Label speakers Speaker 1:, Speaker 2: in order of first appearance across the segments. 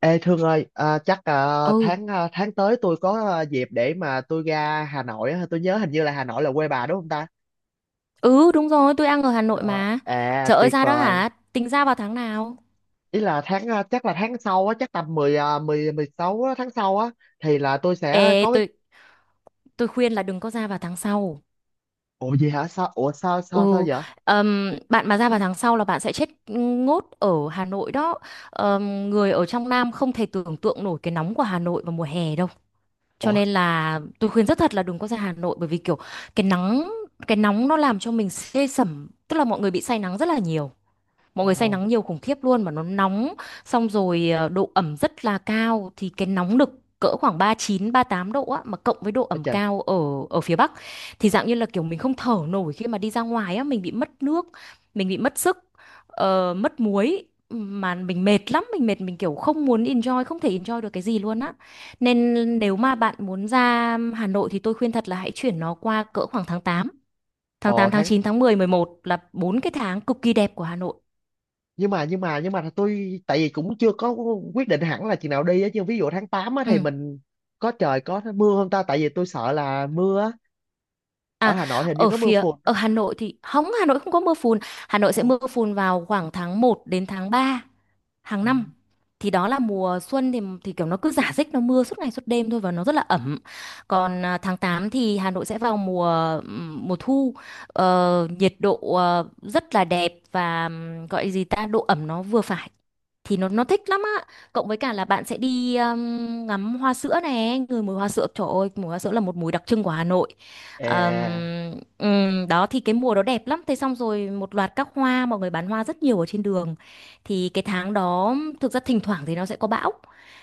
Speaker 1: Ê Thương ơi, chắc
Speaker 2: Ừ,
Speaker 1: tháng tới tôi có dịp để mà tôi ra Hà Nội á, tôi nhớ hình như là Hà Nội là quê bà đúng không ta?
Speaker 2: ừ đúng rồi, tôi đang ở Hà Nội
Speaker 1: Ờ,
Speaker 2: mà. Trời ơi
Speaker 1: tuyệt
Speaker 2: ra đó
Speaker 1: vời.
Speaker 2: hả? Tính ra vào tháng nào?
Speaker 1: Ý là chắc là tháng sau á, chắc tầm 10 16 á, tháng sau á thì là tôi sẽ
Speaker 2: Ê,
Speaker 1: có cái.
Speaker 2: tôi khuyên là đừng có ra vào tháng sau.
Speaker 1: Ủa gì hả? Sao
Speaker 2: Ừ,
Speaker 1: vậy?
Speaker 2: bạn mà ra vào tháng sau là bạn sẽ chết ngốt ở Hà Nội đó. Người ở trong Nam không thể tưởng tượng nổi cái nóng của Hà Nội vào mùa hè đâu. Cho
Speaker 1: Ủa.
Speaker 2: nên là tôi khuyên rất thật là đừng có ra Hà Nội bởi vì kiểu cái nắng cái nóng nó làm cho mình xê sẩm, tức là mọi người bị say nắng rất là nhiều. Mọi
Speaker 1: Ồ,
Speaker 2: người say nắng nhiều khủng khiếp luôn mà nó nóng xong rồi độ ẩm rất là cao thì cái nóng nực cỡ khoảng 39 tám độ á mà cộng với độ
Speaker 1: ôi
Speaker 2: ẩm
Speaker 1: trời.
Speaker 2: cao ở ở phía Bắc thì dạng như là kiểu mình không thở nổi khi mà đi ra ngoài á, mình bị mất nước, mình bị mất sức, mất muối mà mình mệt lắm, mình mệt mình kiểu không muốn enjoy, không thể enjoy được cái gì luôn á. Nên nếu mà bạn muốn ra Hà Nội thì tôi khuyên thật là hãy chuyển nó qua cỡ khoảng tháng tám tháng
Speaker 1: Ồ,
Speaker 2: tám tháng 9 tháng 10 tháng 11 là bốn cái tháng cực kỳ đẹp của Hà Nội.
Speaker 1: nhưng mà tôi tại vì cũng chưa có quyết định hẳn là chừng nào đi á, chứ ví dụ tháng 8 á thì
Speaker 2: Ừ.
Speaker 1: mình có trời, có mưa không ta? Tại vì tôi sợ là mưa á, ở
Speaker 2: À,
Speaker 1: Hà Nội thì hình như có mưa phùn.
Speaker 2: ở Hà Nội thì không, Hà Nội không có mưa phùn. Hà Nội sẽ
Speaker 1: Ủa?
Speaker 2: mưa phùn vào khoảng tháng 1 đến tháng 3 hàng
Speaker 1: À,
Speaker 2: năm. Thì đó là mùa xuân thì kiểu nó cứ rả rích nó mưa suốt ngày suốt đêm thôi và nó rất là ẩm. Còn tháng 8 thì Hà Nội sẽ vào mùa mùa thu. Nhiệt độ rất là đẹp và gọi gì ta, độ ẩm nó vừa phải thì nó thích lắm á, cộng với cả là bạn sẽ đi ngắm hoa sữa này, người mùi hoa sữa, trời ơi mùi hoa sữa là một mùi đặc trưng của Hà Nội. Ờm,
Speaker 1: à,
Speaker 2: Đó thì cái mùa đó đẹp lắm, thế xong rồi một loạt các hoa mọi người bán hoa rất nhiều ở trên đường thì cái tháng đó thực ra thỉnh thoảng thì nó sẽ có bão,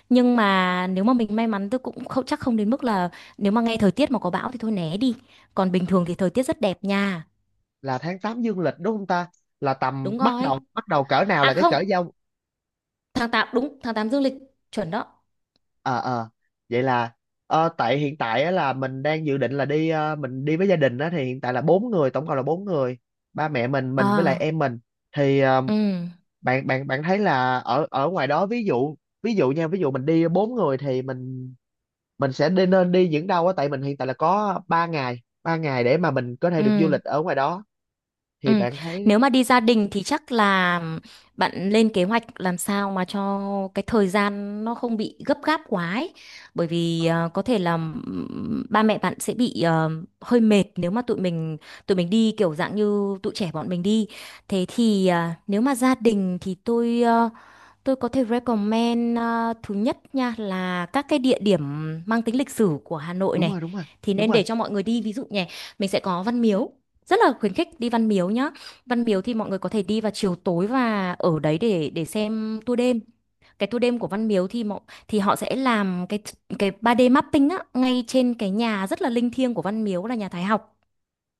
Speaker 2: nhưng mà nếu mà mình may mắn, tôi cũng không chắc, không đến mức là nếu mà nghe thời tiết mà có bão thì thôi né đi, còn bình thường thì thời tiết rất đẹp nha.
Speaker 1: là tháng 8 dương lịch đúng không ta? Là tầm
Speaker 2: Đúng
Speaker 1: bắt
Speaker 2: rồi.
Speaker 1: đầu bắt đầu cỡ nào
Speaker 2: À
Speaker 1: là cái cỡ
Speaker 2: không,
Speaker 1: giao.
Speaker 2: tháng 8 đúng, tháng 8 dương lịch, chuẩn đó.
Speaker 1: Ờ, ờ, vậy là tại hiện tại á, là mình đang dự định là mình đi với gia đình á, thì hiện tại là bốn người, tổng cộng là bốn người, ba mẹ mình với lại
Speaker 2: Ờ.
Speaker 1: em mình. Thì
Speaker 2: Ừ.
Speaker 1: bạn bạn bạn thấy là ở ở ngoài đó, ví dụ, ví dụ nha, ví dụ mình đi bốn người thì mình sẽ đi nên đi những đâu á, tại mình hiện tại là có ba ngày để mà mình có thể được du
Speaker 2: Ừ,
Speaker 1: lịch ở ngoài đó,
Speaker 2: ừ.
Speaker 1: thì bạn
Speaker 2: Nếu
Speaker 1: thấy
Speaker 2: mà đi gia đình thì chắc là bạn lên kế hoạch làm sao mà cho cái thời gian nó không bị gấp gáp quá ấy. Bởi
Speaker 1: ờ,
Speaker 2: vì có thể là ba mẹ bạn sẽ bị hơi mệt nếu mà tụi mình đi kiểu dạng như tụi trẻ bọn mình đi. Thế thì nếu mà gia đình thì tôi có thể recommend, thứ nhất nha là các cái địa điểm mang tính lịch sử của Hà Nội
Speaker 1: đúng
Speaker 2: này
Speaker 1: rồi, đúng rồi,
Speaker 2: thì
Speaker 1: đúng
Speaker 2: nên
Speaker 1: rồi.
Speaker 2: để cho mọi người đi, ví dụ nhỉ, mình sẽ có Văn Miếu, rất là khuyến khích đi Văn Miếu nhá. Văn Miếu thì mọi người có thể đi vào chiều tối và ở đấy để xem tour đêm, cái tour đêm của Văn Miếu thì mọi, thì họ sẽ làm cái 3D mapping á ngay trên cái nhà rất là linh thiêng của Văn Miếu là nhà Thái học.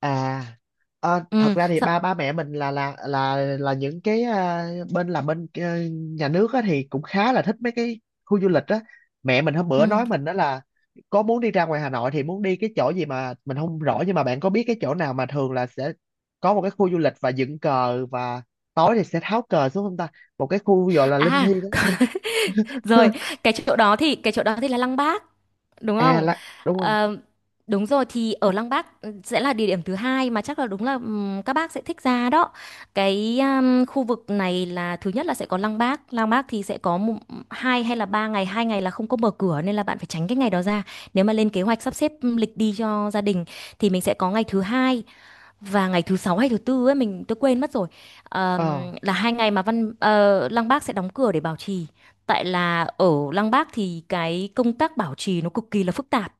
Speaker 1: À, thật
Speaker 2: Ừ,
Speaker 1: ra thì
Speaker 2: sợ,
Speaker 1: ba ba mẹ mình là những cái bên nhà nước á, thì cũng khá là thích mấy cái khu du lịch á. Mẹ mình hôm bữa
Speaker 2: ừ.
Speaker 1: nói mình đó là có muốn đi ra ngoài Hà Nội thì muốn đi cái chỗ gì mà mình không rõ, nhưng mà bạn có biết cái chỗ nào mà thường là sẽ có một cái khu du lịch và dựng cờ, và tối thì sẽ tháo cờ xuống không ta? Một cái khu gọi là linh
Speaker 2: À.
Speaker 1: Thi á.
Speaker 2: Rồi, cái chỗ đó thì cái chỗ đó thì là Lăng Bác, đúng
Speaker 1: À
Speaker 2: không?
Speaker 1: là đúng rồi.
Speaker 2: Ờ, đúng rồi, thì ở Lăng Bác sẽ là địa điểm thứ hai mà chắc là đúng là các bác sẽ thích ra đó. Cái khu vực này là thứ nhất là sẽ có Lăng Bác. Lăng Bác thì sẽ có một, hai hay là ba ngày, hai ngày là không có mở cửa nên là bạn phải tránh cái ngày đó ra. Nếu mà lên kế hoạch sắp xếp lịch đi cho gia đình thì mình sẽ có ngày thứ hai và ngày thứ sáu hay thứ tư ấy, mình tôi quên mất rồi. Ờm,
Speaker 1: Ờ.
Speaker 2: là hai ngày mà Lăng Bác sẽ đóng cửa để bảo trì, tại là ở Lăng Bác thì cái công tác bảo trì nó cực kỳ là phức tạp,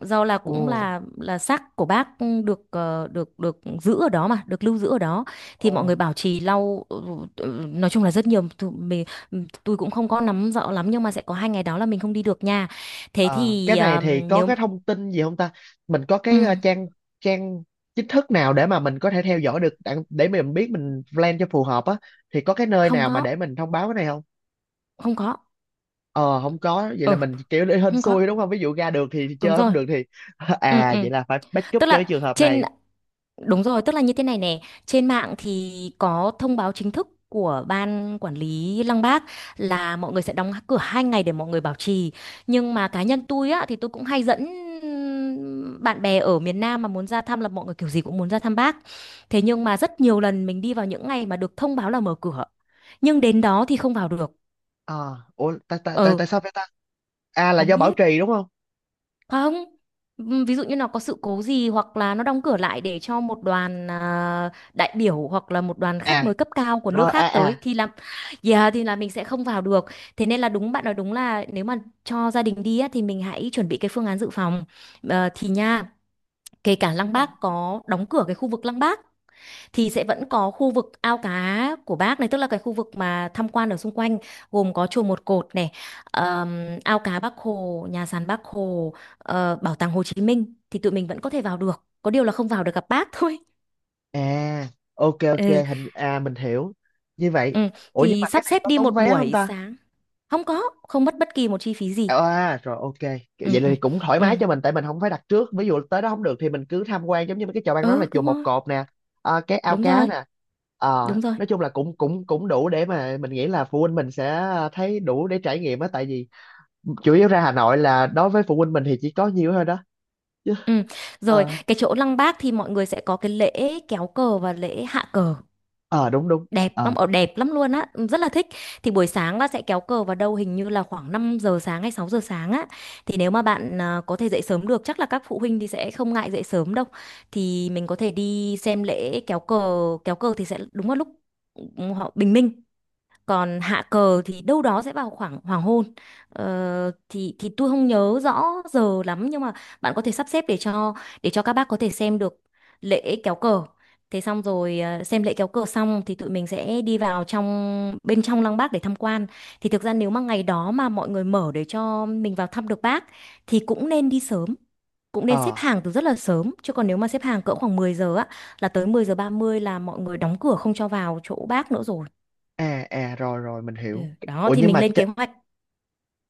Speaker 2: do là cũng
Speaker 1: Ồ.
Speaker 2: là xác của bác được ờ, được được giữ ở đó, mà được lưu giữ ở đó thì
Speaker 1: Ồ.
Speaker 2: mọi người bảo trì lau nói chung là rất nhiều, tôi cũng không có nắm rõ lắm, nhưng mà sẽ có hai ngày đó là mình không đi được nha. Thế
Speaker 1: Ờ,
Speaker 2: thì
Speaker 1: cái này thì có
Speaker 2: nếu.
Speaker 1: cái thông tin gì không ta? Mình có
Speaker 2: Ừ,
Speaker 1: cái trang trang chính thức nào để mà mình có thể theo dõi được, để mình biết mình plan cho phù hợp á, thì có cái nơi
Speaker 2: không
Speaker 1: nào mà
Speaker 2: có.
Speaker 1: để mình thông báo cái này không?
Speaker 2: Không có.
Speaker 1: Ờ, không có, vậy là
Speaker 2: Ừ,
Speaker 1: mình kiểu để hên
Speaker 2: không có.
Speaker 1: xui đúng không? Ví dụ ra được thì,
Speaker 2: Đúng
Speaker 1: chơi không
Speaker 2: rồi.
Speaker 1: được thì
Speaker 2: Ừ, ừ.
Speaker 1: vậy là phải backup
Speaker 2: Tức
Speaker 1: cho cái
Speaker 2: là
Speaker 1: trường hợp
Speaker 2: trên
Speaker 1: này.
Speaker 2: Đúng rồi, tức là như thế này nè, trên mạng thì có thông báo chính thức của ban quản lý Lăng Bác là mọi người sẽ đóng cửa hai ngày để mọi người bảo trì. Nhưng mà cá nhân tôi á thì tôi cũng hay dẫn bạn bè ở miền Nam mà muốn ra thăm là mọi người kiểu gì cũng muốn ra thăm bác. Thế nhưng mà rất nhiều lần mình đi vào những ngày mà được thông báo là mở cửa. Nhưng đến đó thì không vào được.
Speaker 1: Ờ, ủa tại tại tại
Speaker 2: Ừ,
Speaker 1: tại sao vậy ta? À là
Speaker 2: không
Speaker 1: do bảo
Speaker 2: biết.
Speaker 1: trì đúng không?
Speaker 2: Không, ví dụ như nó có sự cố gì hoặc là nó đóng cửa lại để cho một đoàn, đại biểu hoặc là một đoàn khách
Speaker 1: À
Speaker 2: mời cấp cao của nước
Speaker 1: rồi,
Speaker 2: khác tới thì là yeah, thì là mình sẽ không vào được. Thế nên là đúng, bạn nói đúng, là nếu mà cho gia đình đi á, thì mình hãy chuẩn bị cái phương án dự phòng. Ờ, thì nha, kể cả Lăng Bác có đóng cửa cái khu vực Lăng Bác thì sẽ vẫn có khu vực ao cá của bác này, tức là cái khu vực mà tham quan ở xung quanh gồm có chùa Một Cột này, ao cá Bác Hồ, nhà sàn Bác Hồ, bảo tàng Hồ Chí Minh thì tụi mình vẫn có thể vào được, có điều là không vào được gặp bác thôi.
Speaker 1: à ok, ok,
Speaker 2: Ừ,
Speaker 1: hình à mình hiểu. Như vậy,
Speaker 2: ừ.
Speaker 1: ủa nhưng
Speaker 2: Thì
Speaker 1: mà cái
Speaker 2: sắp
Speaker 1: này
Speaker 2: xếp
Speaker 1: có
Speaker 2: đi
Speaker 1: tốn
Speaker 2: một
Speaker 1: vé không
Speaker 2: buổi
Speaker 1: ta?
Speaker 2: sáng, không có, không mất bất kỳ một chi phí gì.
Speaker 1: Ờ, à rồi, ok. Vậy
Speaker 2: Ừ. Ừ.
Speaker 1: thì cũng thoải mái
Speaker 2: Ừ.
Speaker 1: cho mình, tại mình không phải đặt trước. Ví dụ tới đó không được thì mình cứ tham quan, giống như mấy cái chợ, ban đó là
Speaker 2: Ừ
Speaker 1: chùa
Speaker 2: đúng
Speaker 1: Một
Speaker 2: rồi.
Speaker 1: Cột nè, cái ao
Speaker 2: Đúng
Speaker 1: cá
Speaker 2: rồi.
Speaker 1: nè. Ờ,
Speaker 2: Đúng rồi.
Speaker 1: nói chung là cũng cũng cũng đủ để mà mình nghĩ là phụ huynh mình sẽ thấy đủ để trải nghiệm á. Tại vì chủ yếu ra Hà Nội là, đối với phụ huynh mình thì chỉ có nhiêu thôi đó, chứ.
Speaker 2: Ừ.
Speaker 1: Ờ,
Speaker 2: Rồi cái chỗ Lăng Bác thì mọi người sẽ có cái lễ kéo cờ và lễ hạ cờ,
Speaker 1: ờ, đúng, đúng.
Speaker 2: đẹp
Speaker 1: Ờ.
Speaker 2: lắm, ở đẹp lắm luôn á, rất là thích. Thì buổi sáng là sẽ kéo cờ vào đâu hình như là khoảng 5 giờ sáng hay 6 giờ sáng á, thì nếu mà bạn có thể dậy sớm được, chắc là các phụ huynh thì sẽ không ngại dậy sớm đâu, thì mình có thể đi xem lễ kéo cờ. Kéo cờ thì sẽ đúng vào lúc ừ, họ bình minh, còn hạ cờ thì đâu đó sẽ vào khoảng hoàng hôn. Thì tôi không nhớ rõ giờ lắm, nhưng mà bạn có thể sắp xếp để cho các bác có thể xem được lễ kéo cờ. Thế xong rồi xem lễ kéo cờ xong thì tụi mình sẽ đi vào trong, bên trong lăng bác để tham quan. Thì thực ra nếu mà ngày đó mà mọi người mở để cho mình vào thăm được bác thì cũng nên đi sớm, cũng nên xếp
Speaker 1: Ờ,
Speaker 2: hàng từ rất là sớm, chứ còn nếu mà xếp hàng cỡ khoảng 10 giờ á là tới 10 giờ 30 là mọi người đóng cửa không cho vào chỗ bác nữa rồi.
Speaker 1: rồi, rồi, mình
Speaker 2: Ừ,
Speaker 1: hiểu.
Speaker 2: đó
Speaker 1: Ủa
Speaker 2: thì
Speaker 1: nhưng
Speaker 2: mình
Speaker 1: mà,
Speaker 2: lên kế hoạch.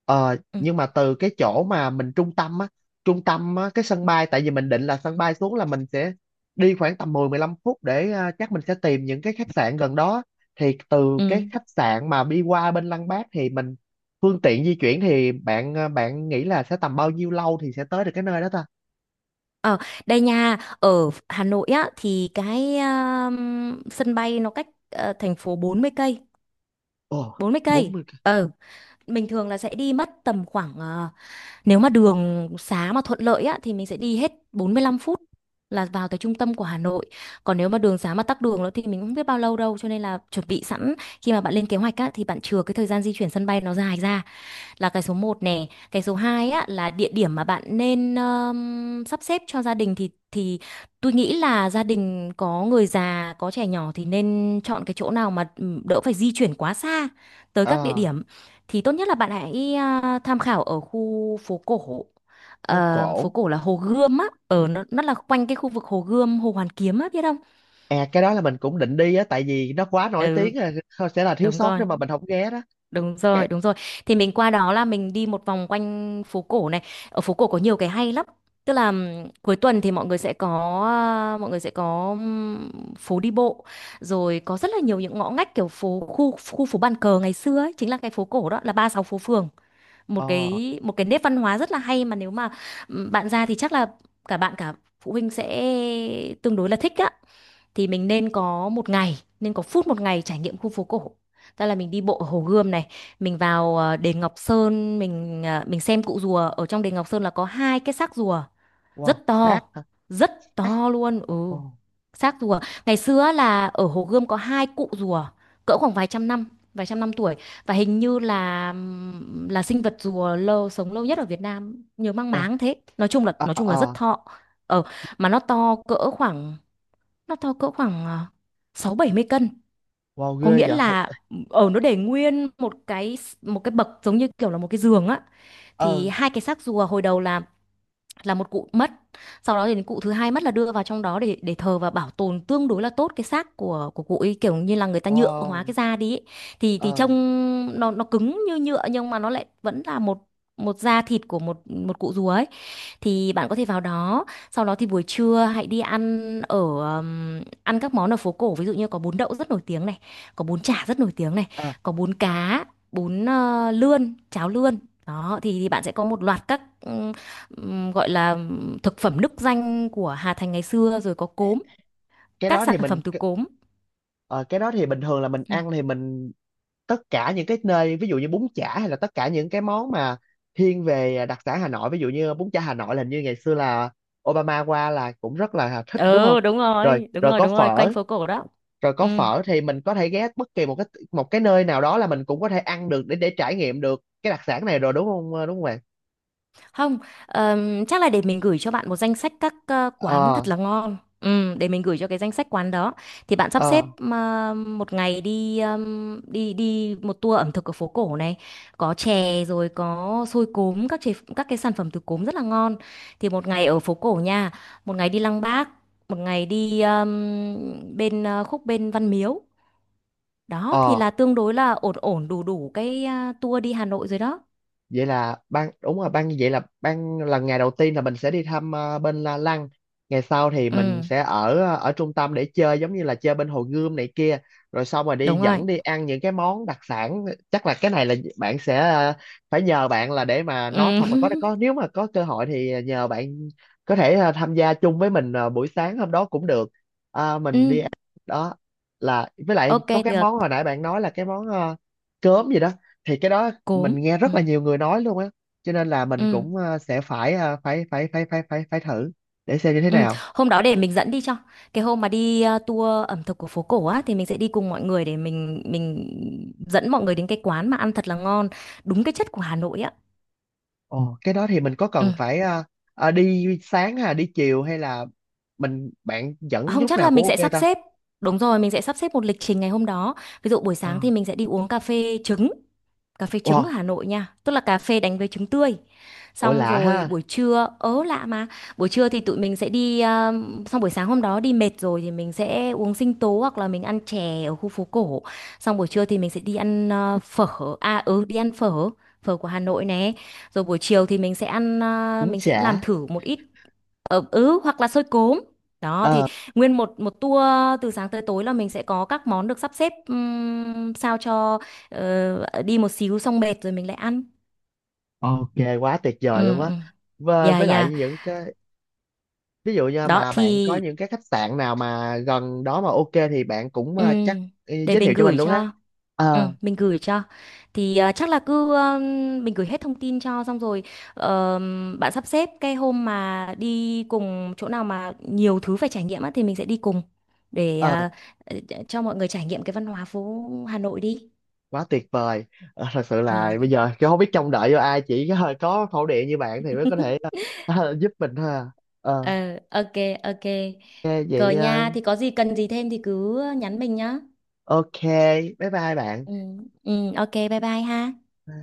Speaker 1: Ờ,
Speaker 2: Ừ.
Speaker 1: nhưng mà từ cái chỗ mà mình trung tâm á, cái sân bay, tại vì mình định là sân bay xuống là mình sẽ đi khoảng tầm 10-15 phút để chắc mình sẽ tìm những cái khách sạn gần đó. Thì từ cái
Speaker 2: Ừ.
Speaker 1: khách sạn mà đi qua bên Lăng Bác thì mình, phương tiện di chuyển thì bạn nghĩ là sẽ tầm bao nhiêu lâu thì sẽ tới được cái nơi đó ta?
Speaker 2: Ờ, đây nha, ở Hà Nội á thì cái sân bay nó cách thành phố 40 cây,
Speaker 1: Ồ,
Speaker 2: 40 cây.
Speaker 1: 40 cây.
Speaker 2: Ờ, mình thường là sẽ đi mất tầm khoảng nếu mà đường xá mà thuận lợi á thì mình sẽ đi hết 45 phút là vào tới trung tâm của Hà Nội. Còn nếu mà đường xá mà tắc đường nữa thì mình không biết bao lâu đâu, cho nên là chuẩn bị sẵn khi mà bạn lên kế hoạch á thì bạn chừa cái thời gian di chuyển sân bay nó dài ra. Là cái số một nè, cái số 2 á là địa điểm mà bạn nên sắp xếp cho gia đình thì tôi nghĩ là gia đình có người già, có trẻ nhỏ thì nên chọn cái chỗ nào mà đỡ phải di chuyển quá xa tới các địa
Speaker 1: Ờ,
Speaker 2: điểm. Thì tốt nhất là bạn hãy tham khảo ở khu phố cổ.
Speaker 1: phố
Speaker 2: Phố
Speaker 1: cổ.
Speaker 2: cổ là Hồ Gươm á, ở nó là quanh cái khu vực Hồ Gươm, Hồ Hoàn Kiếm á, biết không?
Speaker 1: À cái đó là mình cũng định đi á, tại vì nó quá nổi
Speaker 2: Ừ,
Speaker 1: tiếng rồi, thôi sẽ là thiếu
Speaker 2: đúng
Speaker 1: sót nếu
Speaker 2: rồi.
Speaker 1: mà mình không ghé đó.
Speaker 2: Đúng rồi,
Speaker 1: Cái,
Speaker 2: đúng rồi. Thì mình qua đó là mình đi một vòng quanh phố cổ này. Ở phố cổ có nhiều cái hay lắm. Tức là cuối tuần thì mọi người sẽ có à, mọi người sẽ có ừm, phố đi bộ, rồi có rất là nhiều những ngõ ngách kiểu phố khu khu phố bàn cờ ngày xưa ấy, chính là cái phố cổ đó là 36 phố phường, một
Speaker 1: ờ,
Speaker 2: cái một cái nét văn hóa rất là hay mà nếu mà bạn ra thì chắc là cả bạn cả phụ huynh sẽ tương đối là thích á. Thì mình nên có phút một ngày trải nghiệm khu phố cổ, tức là mình đi bộ ở Hồ Gươm này, mình vào đền Ngọc Sơn, mình xem cụ rùa ở trong đền Ngọc Sơn là có hai cái xác rùa rất
Speaker 1: wow,
Speaker 2: to,
Speaker 1: sát hả?
Speaker 2: rất to luôn. Ừ, xác rùa ngày xưa á là ở Hồ Gươm có hai cụ rùa, cỡ khoảng vài trăm năm tuổi. Và hình như là sinh vật rùa sống lâu nhất ở Việt Nam, nhớ mang
Speaker 1: Ồ,
Speaker 2: máng thế. nói chung là
Speaker 1: ờ
Speaker 2: nói chung là rất
Speaker 1: ờ
Speaker 2: thọ. Ờ mà nó to cỡ khoảng sáu bảy mươi cân.
Speaker 1: wow,
Speaker 2: Có
Speaker 1: ghê
Speaker 2: nghĩa
Speaker 1: vậy.
Speaker 2: là nó để nguyên một cái, một cái bậc giống như kiểu là một cái giường á.
Speaker 1: Ờ
Speaker 2: Thì hai cái xác rùa hồi đầu là một cụ mất, sau đó thì cụ thứ hai mất là đưa vào trong đó để thờ và bảo tồn tương đối là tốt cái xác của cụ ấy, kiểu như là người ta nhựa hóa
Speaker 1: wow,
Speaker 2: cái da đi ấy. Thì
Speaker 1: ờ
Speaker 2: trông nó cứng như nhựa nhưng mà nó lại vẫn là một một da thịt của một một cụ rùa ấy. Thì bạn có thể vào đó. Sau đó thì buổi trưa hãy đi ăn ở ăn các món ở phố cổ, ví dụ như có bún đậu rất nổi tiếng này, có bún chả rất nổi tiếng này,
Speaker 1: à
Speaker 2: có bún cá, bún lươn, cháo lươn. Đó thì, bạn sẽ có một loạt các gọi là thực phẩm nức danh của Hà Thành ngày xưa, rồi có cốm,
Speaker 1: cái
Speaker 2: các
Speaker 1: đó
Speaker 2: sản
Speaker 1: thì
Speaker 2: phẩm
Speaker 1: mình
Speaker 2: từ cốm.
Speaker 1: ờ, cái đó thì bình thường là mình
Speaker 2: Ừ.
Speaker 1: ăn thì mình tất cả những cái nơi, ví dụ như bún chả, hay là tất cả những cái món mà thiên về đặc sản Hà Nội, ví dụ như bún chả Hà Nội là, hình như ngày xưa là Obama qua là cũng rất là thích đúng không?
Speaker 2: Ừ, đúng
Speaker 1: Rồi,
Speaker 2: rồi, đúng
Speaker 1: rồi
Speaker 2: rồi,
Speaker 1: có
Speaker 2: đúng rồi, quanh
Speaker 1: phở,
Speaker 2: phố cổ đó.
Speaker 1: rồi có
Speaker 2: Ừ.
Speaker 1: phở thì mình có thể ghé bất kỳ một cái nơi nào đó là mình cũng có thể ăn được, để trải nghiệm được cái đặc sản này rồi, đúng không, đúng không bạn?
Speaker 2: Không, chắc là để mình gửi cho bạn một danh sách các quán
Speaker 1: Ờ,
Speaker 2: thật là ngon. Ừ, để mình gửi cho cái danh sách quán đó. Thì bạn sắp xếp
Speaker 1: ờ,
Speaker 2: một ngày đi đi đi một tour ẩm thực ở phố cổ này, có chè rồi có xôi cốm, các cái sản phẩm từ cốm rất là ngon. Thì một ngày ở phố cổ nha, một ngày đi Lăng Bác, một ngày đi bên khúc bên Văn Miếu. Đó thì
Speaker 1: ờ,
Speaker 2: là tương đối là ổn ổn đủ đủ cái tour đi Hà Nội rồi đó.
Speaker 1: vậy là ban, đúng rồi, ban, vậy là ban là ngày đầu tiên là mình sẽ đi thăm bên La Lăng, ngày sau thì
Speaker 2: Ừ,
Speaker 1: mình sẽ ở trung tâm để chơi, giống như là chơi bên Hồ Gươm này kia, rồi xong rồi đi
Speaker 2: đúng rồi.
Speaker 1: dẫn đi ăn những cái món đặc sản. Chắc là cái này là bạn sẽ phải nhờ bạn là để mà nói,
Speaker 2: Ừ.
Speaker 1: hoặc là có có nếu mà có cơ hội thì nhờ bạn có thể tham gia chung với mình buổi sáng hôm đó cũng được. À, mình
Speaker 2: Ừ.
Speaker 1: đi ăn đó, là với lại
Speaker 2: Ok,
Speaker 1: có cái
Speaker 2: được,
Speaker 1: món hồi nãy bạn nói là cái món cơm gì đó, thì cái đó
Speaker 2: cốm.
Speaker 1: mình nghe rất là
Speaker 2: Ừ.
Speaker 1: nhiều người nói luôn á, cho nên là mình
Speaker 2: Ừ.
Speaker 1: cũng sẽ phải phải thử để xem như thế
Speaker 2: Ừ.
Speaker 1: nào.
Speaker 2: Hôm đó để mình dẫn đi cho. Cái hôm mà đi tour ẩm thực của phố cổ á thì mình sẽ đi cùng mọi người để mình dẫn mọi người đến cái quán mà ăn thật là ngon, đúng cái chất của Hà Nội á.
Speaker 1: Ồ cái đó thì mình có
Speaker 2: Ừ.
Speaker 1: cần phải đi sáng hay là đi chiều, hay là mình, bạn dẫn
Speaker 2: Không,
Speaker 1: lúc
Speaker 2: chắc là
Speaker 1: nào cũng
Speaker 2: mình
Speaker 1: ok
Speaker 2: sẽ sắp
Speaker 1: ta?
Speaker 2: xếp. Đúng rồi, mình sẽ sắp xếp một lịch trình ngày hôm đó. Ví dụ buổi
Speaker 1: ờ
Speaker 2: sáng thì mình sẽ đi uống cà phê trứng. Cà phê trứng ở
Speaker 1: wow,
Speaker 2: Hà Nội nha, tức là cà phê đánh với trứng tươi.
Speaker 1: ủa
Speaker 2: Xong
Speaker 1: lạ
Speaker 2: rồi
Speaker 1: ha.
Speaker 2: buổi trưa ớ lạ mà, buổi trưa thì tụi mình sẽ đi xong buổi sáng hôm đó đi mệt rồi thì mình sẽ uống sinh tố hoặc là mình ăn chè ở khu phố cổ. Xong buổi trưa thì mình sẽ đi ăn phở phở của Hà Nội nè. Rồi buổi chiều thì mình sẽ
Speaker 1: Cũng
Speaker 2: làm
Speaker 1: chả.
Speaker 2: thử một ít, ừ, ừ, hoặc là xôi cốm. Đó thì
Speaker 1: ờ
Speaker 2: nguyên một một tour từ sáng tới tối là mình sẽ có các món được sắp xếp sao cho đi một xíu xong mệt rồi mình lại ăn.
Speaker 1: ok, quá tuyệt vời luôn
Speaker 2: Ừ,
Speaker 1: á.
Speaker 2: ừ.
Speaker 1: Và
Speaker 2: Dạ,
Speaker 1: với lại
Speaker 2: dạ.
Speaker 1: những cái, ví dụ như
Speaker 2: Đó
Speaker 1: mà bạn
Speaker 2: thì...
Speaker 1: có những cái khách sạn nào mà gần đó mà ok thì bạn cũng
Speaker 2: Ừ,
Speaker 1: chắc
Speaker 2: để
Speaker 1: giới thiệu
Speaker 2: mình
Speaker 1: cho mình
Speaker 2: gửi
Speaker 1: luôn ha.
Speaker 2: cho. Ừ,
Speaker 1: Ờ,
Speaker 2: mình gửi cho. Thì chắc là cứ mình gửi hết thông tin cho xong rồi bạn sắp xếp cái hôm mà đi cùng chỗ nào mà nhiều thứ phải trải nghiệm á thì mình sẽ đi cùng, để
Speaker 1: ờ.
Speaker 2: cho mọi người trải nghiệm cái văn hóa phố Hà Nội đi.
Speaker 1: Quá tuyệt vời. Ờ, thật sự
Speaker 2: Ừ.
Speaker 1: là bây giờ cái, không biết trông đợi vô ai, chỉ có khẩu điện như bạn thì mới có thể giúp mình thôi à. ờ
Speaker 2: Ờ, ok, ok.
Speaker 1: Nghe vậy,
Speaker 2: Rồi nha, thì có gì cần gì thêm thì cứ nhắn mình nhá.
Speaker 1: ok, bye bye bạn.
Speaker 2: Ừ, ừ, ok, bye bye ha.